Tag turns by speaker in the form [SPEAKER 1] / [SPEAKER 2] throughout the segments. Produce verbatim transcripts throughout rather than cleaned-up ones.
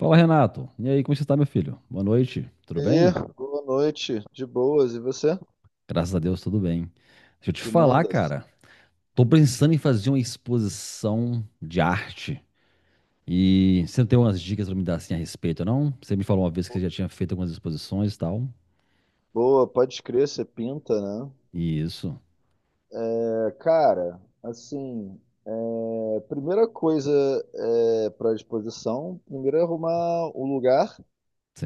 [SPEAKER 1] Fala, Renato. E aí, como você está, meu filho? Boa noite. Tudo
[SPEAKER 2] E
[SPEAKER 1] bem?
[SPEAKER 2] aí, boa noite, de boas, e você?
[SPEAKER 1] Graças a Deus, tudo bem. Deixa eu te
[SPEAKER 2] Que
[SPEAKER 1] falar,
[SPEAKER 2] mandas?
[SPEAKER 1] cara. Tô pensando em fazer uma exposição de arte. E você não tem umas dicas pra me dar assim a respeito, não? Você me falou uma vez que você já tinha feito algumas exposições e tal.
[SPEAKER 2] Boa, pode crer, você pinta, né?
[SPEAKER 1] E isso,
[SPEAKER 2] É, cara, assim, é, primeira coisa é para disposição, primeiro é arrumar o lugar,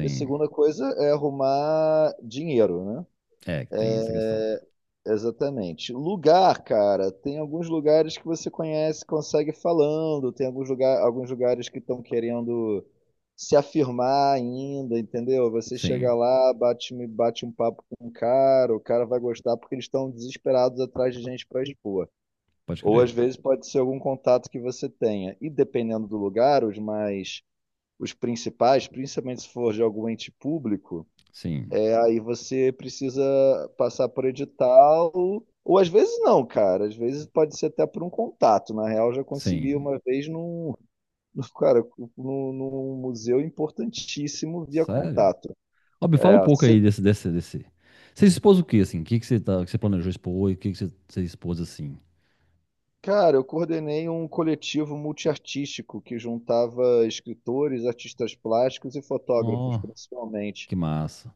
[SPEAKER 2] e segunda coisa é arrumar dinheiro, né?
[SPEAKER 1] É, que tem essa questão.
[SPEAKER 2] Exatamente. Lugar, cara, tem alguns lugares que você conhece, consegue falando, tem alguns, lugar, alguns lugares que estão querendo se afirmar ainda, entendeu? Você chega
[SPEAKER 1] Sim,
[SPEAKER 2] lá, bate, bate um papo com o cara, o cara vai gostar porque eles estão desesperados atrás de gente para expor.
[SPEAKER 1] pode
[SPEAKER 2] Ou
[SPEAKER 1] crer.
[SPEAKER 2] às vezes pode ser algum contato que você tenha. E dependendo do lugar, os mais, os principais, principalmente se for de algum ente público.
[SPEAKER 1] Sim,
[SPEAKER 2] É, aí você precisa passar por edital, ou às vezes não, cara. Às vezes pode ser até por um contato. Na real, eu já consegui
[SPEAKER 1] sim.
[SPEAKER 2] uma vez num, num- cara, num, num museu importantíssimo via
[SPEAKER 1] Sério?
[SPEAKER 2] contato.
[SPEAKER 1] Ó, me fala um
[SPEAKER 2] É,
[SPEAKER 1] pouco
[SPEAKER 2] cê-
[SPEAKER 1] aí desse, desse, desse. Você expôs o quê, assim? O que que você tá, que você planejou expor e o que que você, você expôs assim?
[SPEAKER 2] cara, eu coordenei um coletivo multiartístico que juntava escritores, artistas plásticos e fotógrafos,
[SPEAKER 1] Ó,
[SPEAKER 2] principalmente.
[SPEAKER 1] que massa.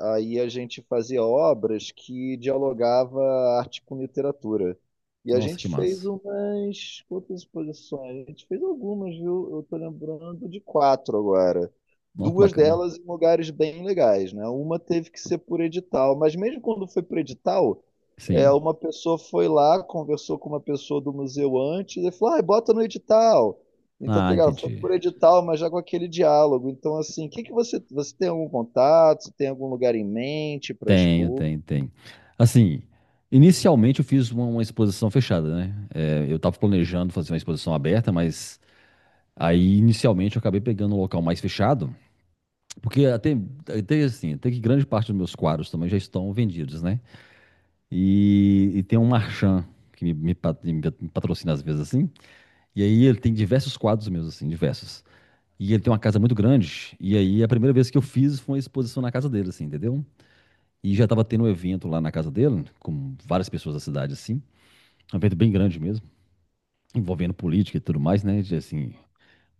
[SPEAKER 2] Ah, aí a gente fazia obras que dialogava arte com literatura. E a
[SPEAKER 1] Nossa, que
[SPEAKER 2] gente fez
[SPEAKER 1] massa.
[SPEAKER 2] umas quantas exposições? A gente fez algumas, viu? Eu tô lembrando de quatro agora.
[SPEAKER 1] Nossa, que
[SPEAKER 2] Duas
[SPEAKER 1] bacana.
[SPEAKER 2] delas em lugares bem legais, né? Uma teve que ser por edital, mas mesmo quando foi por edital, é,
[SPEAKER 1] Sim.
[SPEAKER 2] uma pessoa foi lá, conversou com uma pessoa do museu antes e falou: ah, bota no edital. Então, tá
[SPEAKER 1] Ah,
[SPEAKER 2] ligado? Foi
[SPEAKER 1] entendi.
[SPEAKER 2] por edital, mas já com aquele diálogo. Então, assim, o que que você, você tem algum contato? Você tem algum lugar em mente para
[SPEAKER 1] Tenho,
[SPEAKER 2] expor?
[SPEAKER 1] tem, tem. Assim, inicialmente eu fiz uma, uma exposição fechada, né? É, eu tava planejando fazer uma exposição aberta, mas aí inicialmente eu acabei pegando um local mais fechado, porque até, até assim, até que grande parte dos meus quadros também já estão vendidos, né? E, e tem um marchand que me, me pat- me patrocina às vezes assim, e aí ele tem diversos quadros meus, assim, diversos. E ele tem uma casa muito grande. E aí a primeira vez que eu fiz foi uma exposição na casa dele, assim, entendeu? E já tava tendo um evento lá na casa dele, com várias pessoas da cidade, assim. Um evento bem grande mesmo, envolvendo política e tudo mais, né? de, Assim.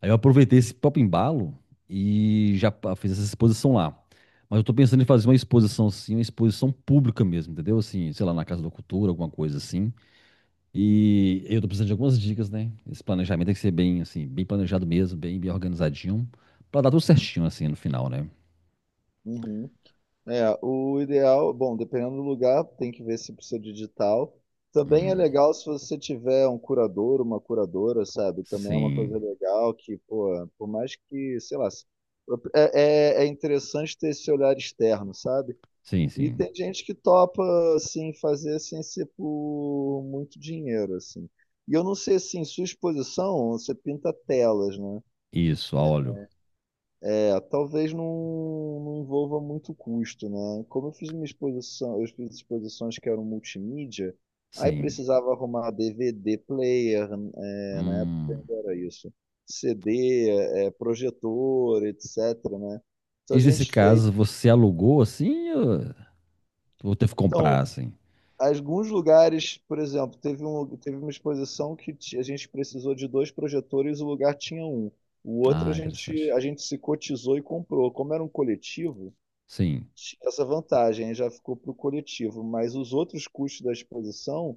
[SPEAKER 1] Aí eu aproveitei esse próprio embalo e já pa- fiz essa exposição lá. Mas eu tô pensando em fazer uma exposição, assim, uma exposição pública mesmo, entendeu? Assim, sei lá, na Casa da Cultura, alguma coisa assim. E eu tô precisando de algumas dicas, né? Esse planejamento tem que ser bem, assim, bem planejado mesmo, bem, bem organizadinho, pra dar tudo certinho, assim, no final, né?
[SPEAKER 2] Uhum. É, o ideal, bom, dependendo do lugar, tem que ver se precisa de digital. Também é
[SPEAKER 1] Hum,
[SPEAKER 2] legal se você tiver um curador, uma curadora, sabe? Também é uma coisa
[SPEAKER 1] sim,
[SPEAKER 2] legal que, pô, por mais que, sei lá, se- é, é é interessante ter esse olhar externo, sabe?
[SPEAKER 1] sim,
[SPEAKER 2] E
[SPEAKER 1] sim.
[SPEAKER 2] tem gente que topa, assim, fazer sem ser por muito dinheiro, assim. E eu não sei, assim, sua exposição, você pinta telas, né?
[SPEAKER 1] Isso, a óleo.
[SPEAKER 2] É, talvez não, não envolva muito custo, né? Como eu fiz uma exposição, eu fiz exposições que eram multimídia, aí
[SPEAKER 1] Sim.
[SPEAKER 2] precisava arrumar D V D player, é, na época
[SPEAKER 1] Hum.
[SPEAKER 2] ainda era isso, C D, é, projetor, etc, né? Então a
[SPEAKER 1] E nesse
[SPEAKER 2] gente fez...
[SPEAKER 1] caso, você alugou assim ou ou teve que
[SPEAKER 2] Então,
[SPEAKER 1] comprar assim?
[SPEAKER 2] alguns lugares, por exemplo, teve um, teve uma exposição que ti- a gente precisou de dois projetores, o lugar tinha um. O outro a
[SPEAKER 1] Ah,
[SPEAKER 2] gente,
[SPEAKER 1] interessante.
[SPEAKER 2] a gente se cotizou e comprou. Como era um coletivo,
[SPEAKER 1] Sim,
[SPEAKER 2] tinha essa vantagem, já ficou para o coletivo. Mas os outros custos da exposição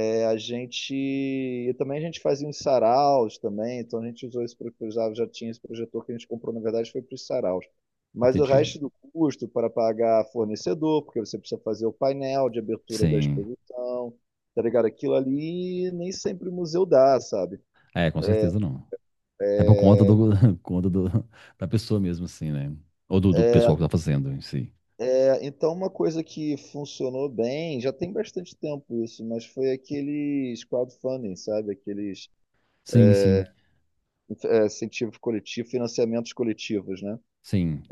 [SPEAKER 2] é, A gente. E também a gente fazia uns saraus também, então a gente usou esse projetor, já tinha esse projetor que a gente comprou, na verdade, foi para os saraus. Mas o
[SPEAKER 1] entendi.
[SPEAKER 2] resto do custo para pagar fornecedor, porque você precisa fazer o painel de abertura da
[SPEAKER 1] Sim.
[SPEAKER 2] exposição, tá ligado? Aquilo ali nem sempre o museu dá, sabe?
[SPEAKER 1] É, com certeza não. É por conta do, conta do, da pessoa mesmo, assim, né? Ou do, do pessoal que tá fazendo em si.
[SPEAKER 2] É, então, uma coisa que funcionou bem, já tem bastante tempo isso, mas foi aqueles crowdfunding, sabe? Aqueles
[SPEAKER 1] Sim, sim,
[SPEAKER 2] é, incentivos coletivos, financiamentos coletivos, né?
[SPEAKER 1] sim.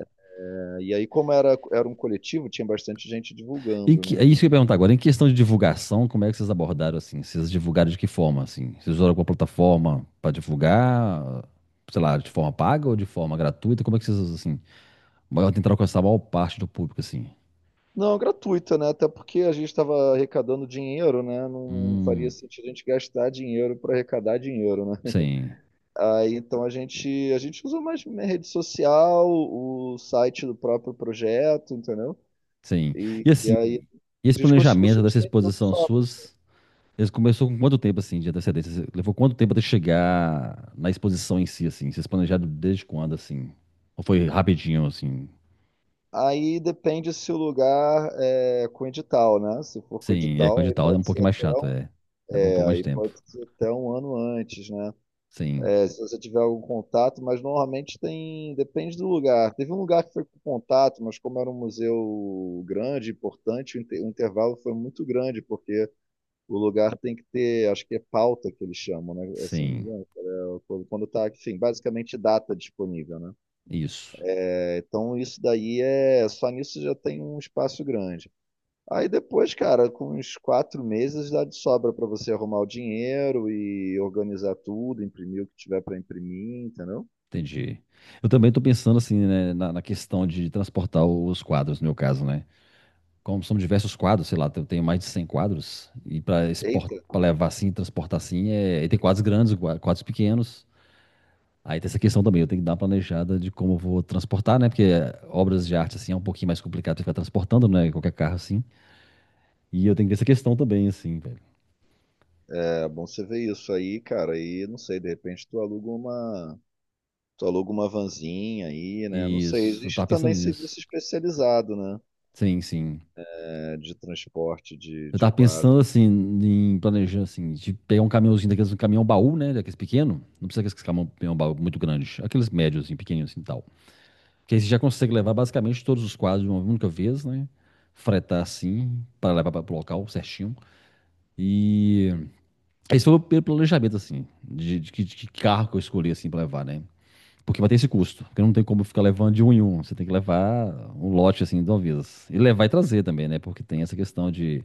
[SPEAKER 2] E aí, como era, era um coletivo, tinha bastante gente
[SPEAKER 1] Em
[SPEAKER 2] divulgando,
[SPEAKER 1] que, é
[SPEAKER 2] né?
[SPEAKER 1] isso que eu ia perguntar agora. Em questão de divulgação, como é que vocês abordaram assim? Vocês divulgaram de que forma assim? Vocês usaram alguma plataforma para divulgar, sei lá, de forma paga ou de forma gratuita? Como é que vocês assim, tentaram alcançar a maior parte do público assim?
[SPEAKER 2] Não, gratuita, né? Até porque a gente estava arrecadando dinheiro, né? Não, não faria
[SPEAKER 1] Hum,
[SPEAKER 2] sentido a gente gastar dinheiro para arrecadar dinheiro, né?
[SPEAKER 1] sim,
[SPEAKER 2] Aí, então a gente a gente usa mais minha rede social, o site do próprio projeto, entendeu?
[SPEAKER 1] sim.
[SPEAKER 2] E,
[SPEAKER 1] E
[SPEAKER 2] e
[SPEAKER 1] assim,
[SPEAKER 2] aí a
[SPEAKER 1] esse
[SPEAKER 2] gente conseguiu
[SPEAKER 1] planejamento dessa
[SPEAKER 2] subsistir todo
[SPEAKER 1] exposição
[SPEAKER 2] sobra.
[SPEAKER 1] suas, eles começou com quanto tempo assim de antecedência? Cê- Levou quanto tempo até chegar na exposição em si assim? Vocês planejaram desde quando assim? Ou foi rapidinho assim?
[SPEAKER 2] Aí depende se o lugar é com edital, né? Se for com
[SPEAKER 1] Sim, é com
[SPEAKER 2] edital, aí
[SPEAKER 1] edital é um
[SPEAKER 2] pode ser
[SPEAKER 1] pouquinho mais
[SPEAKER 2] até
[SPEAKER 1] chato,
[SPEAKER 2] um,
[SPEAKER 1] é. Leva um
[SPEAKER 2] é,
[SPEAKER 1] pouco mais
[SPEAKER 2] aí
[SPEAKER 1] de tempo.
[SPEAKER 2] pode ser até um ano antes, né?
[SPEAKER 1] Sim,
[SPEAKER 2] É, se você tiver algum contato, mas normalmente tem, depende do lugar. Teve um lugar que foi com contato, mas como era um museu grande, importante, o, inte- o intervalo foi muito grande, porque o lugar tem que ter, acho que é pauta que eles chamam, né? É, se não me
[SPEAKER 1] sim,
[SPEAKER 2] engano, é quando quando tá, enfim, basicamente data disponível, né?
[SPEAKER 1] isso.
[SPEAKER 2] É, então isso daí é, só nisso já tem um espaço grande. Aí depois, cara, com uns quatro meses dá de sobra para você arrumar o dinheiro e organizar tudo, imprimir o que tiver para imprimir, entendeu?
[SPEAKER 1] Entendi. Eu também tô pensando assim, né, na, na questão de transportar os quadros, no meu caso, né? Como são diversos quadros, sei lá, eu tenho mais de cem quadros, e para exportar,
[SPEAKER 2] Eita,
[SPEAKER 1] para levar assim, transportar assim, é, e tem quadros grandes, gua- quadros pequenos. Aí tem essa questão também, eu tenho que dar uma planejada de como eu vou transportar, né? Porque obras de arte assim é um pouquinho mais complicado de ficar transportando, né? Qualquer carro assim. E eu tenho que ter essa questão também, assim, velho.
[SPEAKER 2] é bom você ver isso aí, cara. E não sei, de repente tu aluga uma, tu aluga uma vanzinha aí, né? Não sei.
[SPEAKER 1] Isso, eu
[SPEAKER 2] Existe
[SPEAKER 1] tava pensando
[SPEAKER 2] também serviço
[SPEAKER 1] nisso.
[SPEAKER 2] especializado, né?
[SPEAKER 1] Sim, sim.
[SPEAKER 2] É, de transporte de,
[SPEAKER 1] Eu
[SPEAKER 2] de
[SPEAKER 1] tava
[SPEAKER 2] quadro.
[SPEAKER 1] pensando assim, em planejar assim, de pegar um caminhãozinho daqueles, um caminhão baú, né? Daqueles pequeno. Não precisa daqueles caminhão, caminhão baú muito grande. Aqueles médios, assim, pequenininhos assim e tal. Que aí você já consegue levar basicamente todos os quadros de uma única vez, né? Fretar assim, para levar para o local certinho. E esse foi o meu planejamento, assim, de, de que de que carro que eu escolhi, assim, para levar, né? Porque vai ter esse custo. Porque não tem como ficar levando de um em um. Você tem que levar um lote, assim, de uma vez. E levar e trazer também, né? Porque tem essa questão de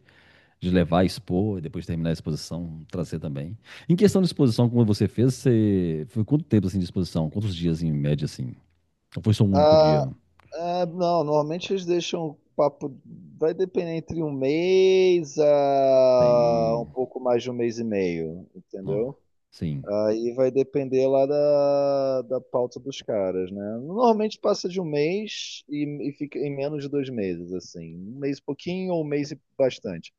[SPEAKER 1] De levar, expor, e depois terminar a exposição, trazer também. Em questão de exposição, como você fez, você foi quanto tempo assim de exposição? Quantos dias em média assim? Ou foi só um único
[SPEAKER 2] Ah,
[SPEAKER 1] dia?
[SPEAKER 2] ah, não, normalmente eles deixam o papo. Vai depender entre um mês a um
[SPEAKER 1] Tem.
[SPEAKER 2] pouco mais de um mês e meio,
[SPEAKER 1] Ó,
[SPEAKER 2] entendeu?
[SPEAKER 1] sim.
[SPEAKER 2] Aí vai depender lá da, da pauta dos caras, né? Normalmente passa de um mês e, e fica em menos de dois meses, assim. Um mês e pouquinho ou um mês e bastante.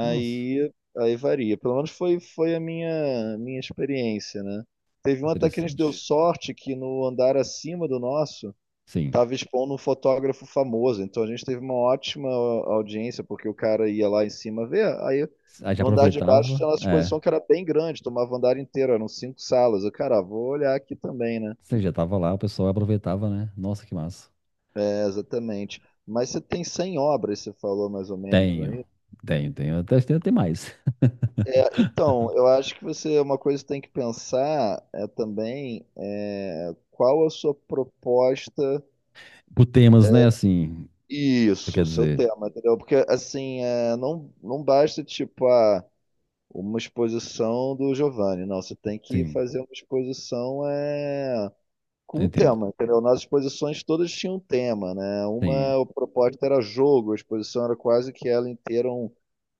[SPEAKER 1] Nossa,
[SPEAKER 2] aí varia. Pelo menos foi, foi a minha, minha experiência, né? Teve um até que a gente deu
[SPEAKER 1] interessante.
[SPEAKER 2] sorte que no andar acima do nosso
[SPEAKER 1] Sim.
[SPEAKER 2] tava expondo um fotógrafo famoso, então a gente teve uma ótima audiência, porque o cara ia lá em cima ver, aí
[SPEAKER 1] Aí já
[SPEAKER 2] no andar de baixo
[SPEAKER 1] aproveitava,
[SPEAKER 2] tinha a nossa
[SPEAKER 1] é.
[SPEAKER 2] exposição que era bem grande, tomava o andar inteiro, eram cinco salas. Eu, cara, vou olhar aqui também, né?
[SPEAKER 1] Você já tava lá, o pessoal aproveitava, né? Nossa, que massa.
[SPEAKER 2] É, exatamente. Mas você tem cem obras, você falou mais ou menos, não é
[SPEAKER 1] Tenho,
[SPEAKER 2] isso?
[SPEAKER 1] tenho, tenho. Até, tem até mais.
[SPEAKER 2] É, então, eu acho que você, uma coisa que tem que pensar é também é, qual a sua proposta,
[SPEAKER 1] Por temas, né? Assim, você quer
[SPEAKER 2] isso, seu
[SPEAKER 1] dizer.
[SPEAKER 2] tema, entendeu? Porque, assim, é, não, não basta, tipo, ah, uma exposição do Giovanni. Não, você tem que
[SPEAKER 1] Sim,
[SPEAKER 2] fazer uma exposição é,
[SPEAKER 1] eu
[SPEAKER 2] com um
[SPEAKER 1] entendo.
[SPEAKER 2] tema, entendeu? Nas exposições todas tinham um tema, né?
[SPEAKER 1] Sim,
[SPEAKER 2] Uma, a proposta era jogo, a exposição era quase que ela inteira um,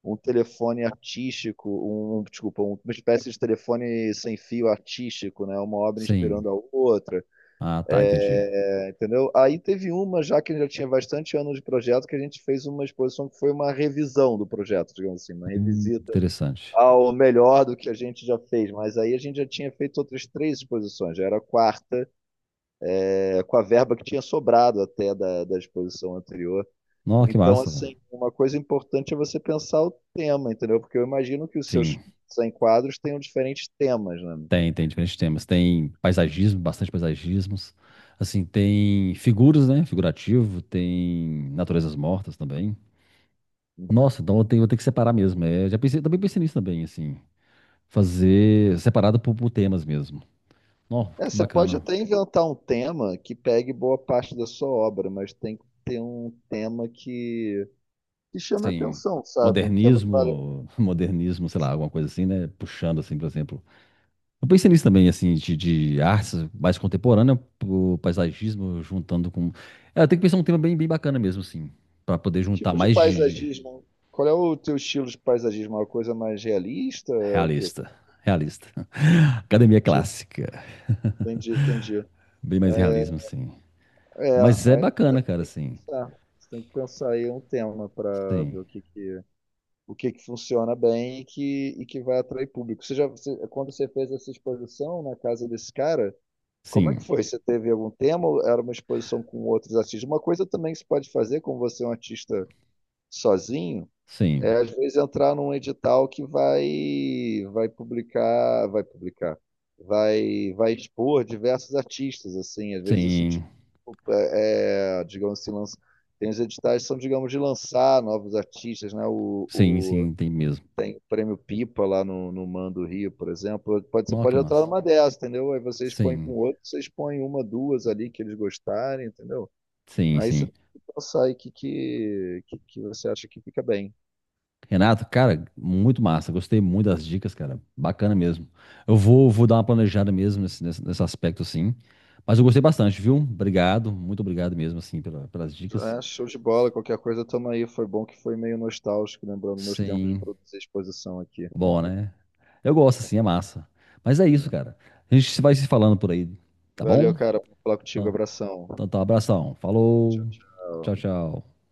[SPEAKER 2] um telefone artístico, um, um, desculpa, um- uma espécie de telefone sem fio artístico, né? Uma obra
[SPEAKER 1] sim.
[SPEAKER 2] inspirando a outra,
[SPEAKER 1] Ah, tá, entendi.
[SPEAKER 2] né? Entendeu? Aí teve uma, já que já tinha bastante anos de projeto, que a gente fez uma exposição que foi uma revisão do projeto, digamos assim, uma
[SPEAKER 1] Hum,
[SPEAKER 2] revisita
[SPEAKER 1] interessante.
[SPEAKER 2] ao melhor do que a gente já fez, mas aí a gente já tinha feito outras três exposições, já era a quarta, é, com a verba que tinha sobrado até da, da exposição anterior.
[SPEAKER 1] Nossa, que
[SPEAKER 2] Então,
[SPEAKER 1] massa, velho.
[SPEAKER 2] assim, uma coisa importante é você pensar o tema, entendeu? Porque eu imagino que os seus
[SPEAKER 1] Sim,
[SPEAKER 2] cem quadros tenham diferentes temas, né?
[SPEAKER 1] tem, tem diferentes temas. Tem paisagismo, bastante paisagismos. Assim, tem figuras, né? Figurativo, tem naturezas mortas também. Nossa, então eu tenho, vou ter que separar mesmo. É, já pensei, também pensei nisso também, assim. Fazer separado por, por temas mesmo. Ó,
[SPEAKER 2] É,
[SPEAKER 1] que
[SPEAKER 2] você pode
[SPEAKER 1] bacana.
[SPEAKER 2] até inventar um tema que pegue boa parte da sua obra, mas tem que ter um tema que, que chame a
[SPEAKER 1] Sim.
[SPEAKER 2] atenção, sabe? Um tema que vale.
[SPEAKER 1] Modernismo, modernismo, sei lá, alguma coisa assim, né? Puxando, assim, por exemplo. Eu pensei nisso também, assim, de, de artes mais contemporânea, o paisagismo, juntando com. É, tem que pensar um tema bem, bem bacana mesmo, assim, para poder
[SPEAKER 2] Que
[SPEAKER 1] juntar
[SPEAKER 2] tipo de
[SPEAKER 1] mais de, de
[SPEAKER 2] paisagismo? Qual é o teu estilo de paisagismo? É uma coisa mais realista? É o quê? Como
[SPEAKER 1] realista. Realista. Academia clássica.
[SPEAKER 2] entendi. Entendi.
[SPEAKER 1] Bem mais realismo, assim.
[SPEAKER 2] É,
[SPEAKER 1] Mas é
[SPEAKER 2] aí não
[SPEAKER 1] bacana,
[SPEAKER 2] sei,
[SPEAKER 1] cara,
[SPEAKER 2] tem que
[SPEAKER 1] assim.
[SPEAKER 2] pensar. Você tem que pensar aí um tema para ver
[SPEAKER 1] Sim.
[SPEAKER 2] o que que, o que que funciona bem e que, e que vai atrair público. Você já, você- quando você fez essa exposição na casa desse cara, como é que
[SPEAKER 1] Sim.
[SPEAKER 2] foi? Você teve algum tema? Ou era uma exposição com outros artistas? Uma coisa também que você pode fazer, como você é um artista sozinho, é,
[SPEAKER 1] Sim.
[SPEAKER 2] às vezes entrar num edital que vai vai publicar, vai publicar, vai vai expor diversos artistas assim, às vezes isso
[SPEAKER 1] Sim.
[SPEAKER 2] tipo é, é, digamos assim, lança, tem os editais que são, digamos, de lançar novos artistas, né? O,
[SPEAKER 1] Sim,
[SPEAKER 2] o-
[SPEAKER 1] sim, tem mesmo.
[SPEAKER 2] tem o Prêmio Pipa lá no, no Man do Rio, por exemplo. Pode, você
[SPEAKER 1] Nossa, que
[SPEAKER 2] pode entrar
[SPEAKER 1] massa.
[SPEAKER 2] numa dessas, entendeu? Aí você expõe com
[SPEAKER 1] Sim.
[SPEAKER 2] outro, você expõe uma, duas ali que eles gostarem, entendeu?
[SPEAKER 1] Sim,
[SPEAKER 2] Aí você
[SPEAKER 1] sim.
[SPEAKER 2] tem que pensar aí que, que, que que você acha que fica bem.
[SPEAKER 1] Renato, cara, muito massa. Gostei muito das dicas, cara. Bacana mesmo. Eu vou, vou dar uma planejada mesmo nesse, nesse, nesse aspecto, assim. Mas eu gostei bastante, viu? Obrigado, muito obrigado mesmo, assim, pela- pelas dicas.
[SPEAKER 2] É, show de bola, qualquer coisa tamo aí. Foi bom que foi meio nostálgico, lembrando meus tempos de
[SPEAKER 1] Sim,
[SPEAKER 2] produzir exposição aqui.
[SPEAKER 1] bom, né? Eu gosto, assim, é massa. Mas é isso,
[SPEAKER 2] É.
[SPEAKER 1] cara. A gente vai se falando por aí, tá
[SPEAKER 2] Valeu,
[SPEAKER 1] bom?
[SPEAKER 2] cara, por falar contigo.
[SPEAKER 1] Então,
[SPEAKER 2] Abração.
[SPEAKER 1] então tá, abração.
[SPEAKER 2] Tchau,
[SPEAKER 1] Falou. Tchau,
[SPEAKER 2] tchau.
[SPEAKER 1] tchau.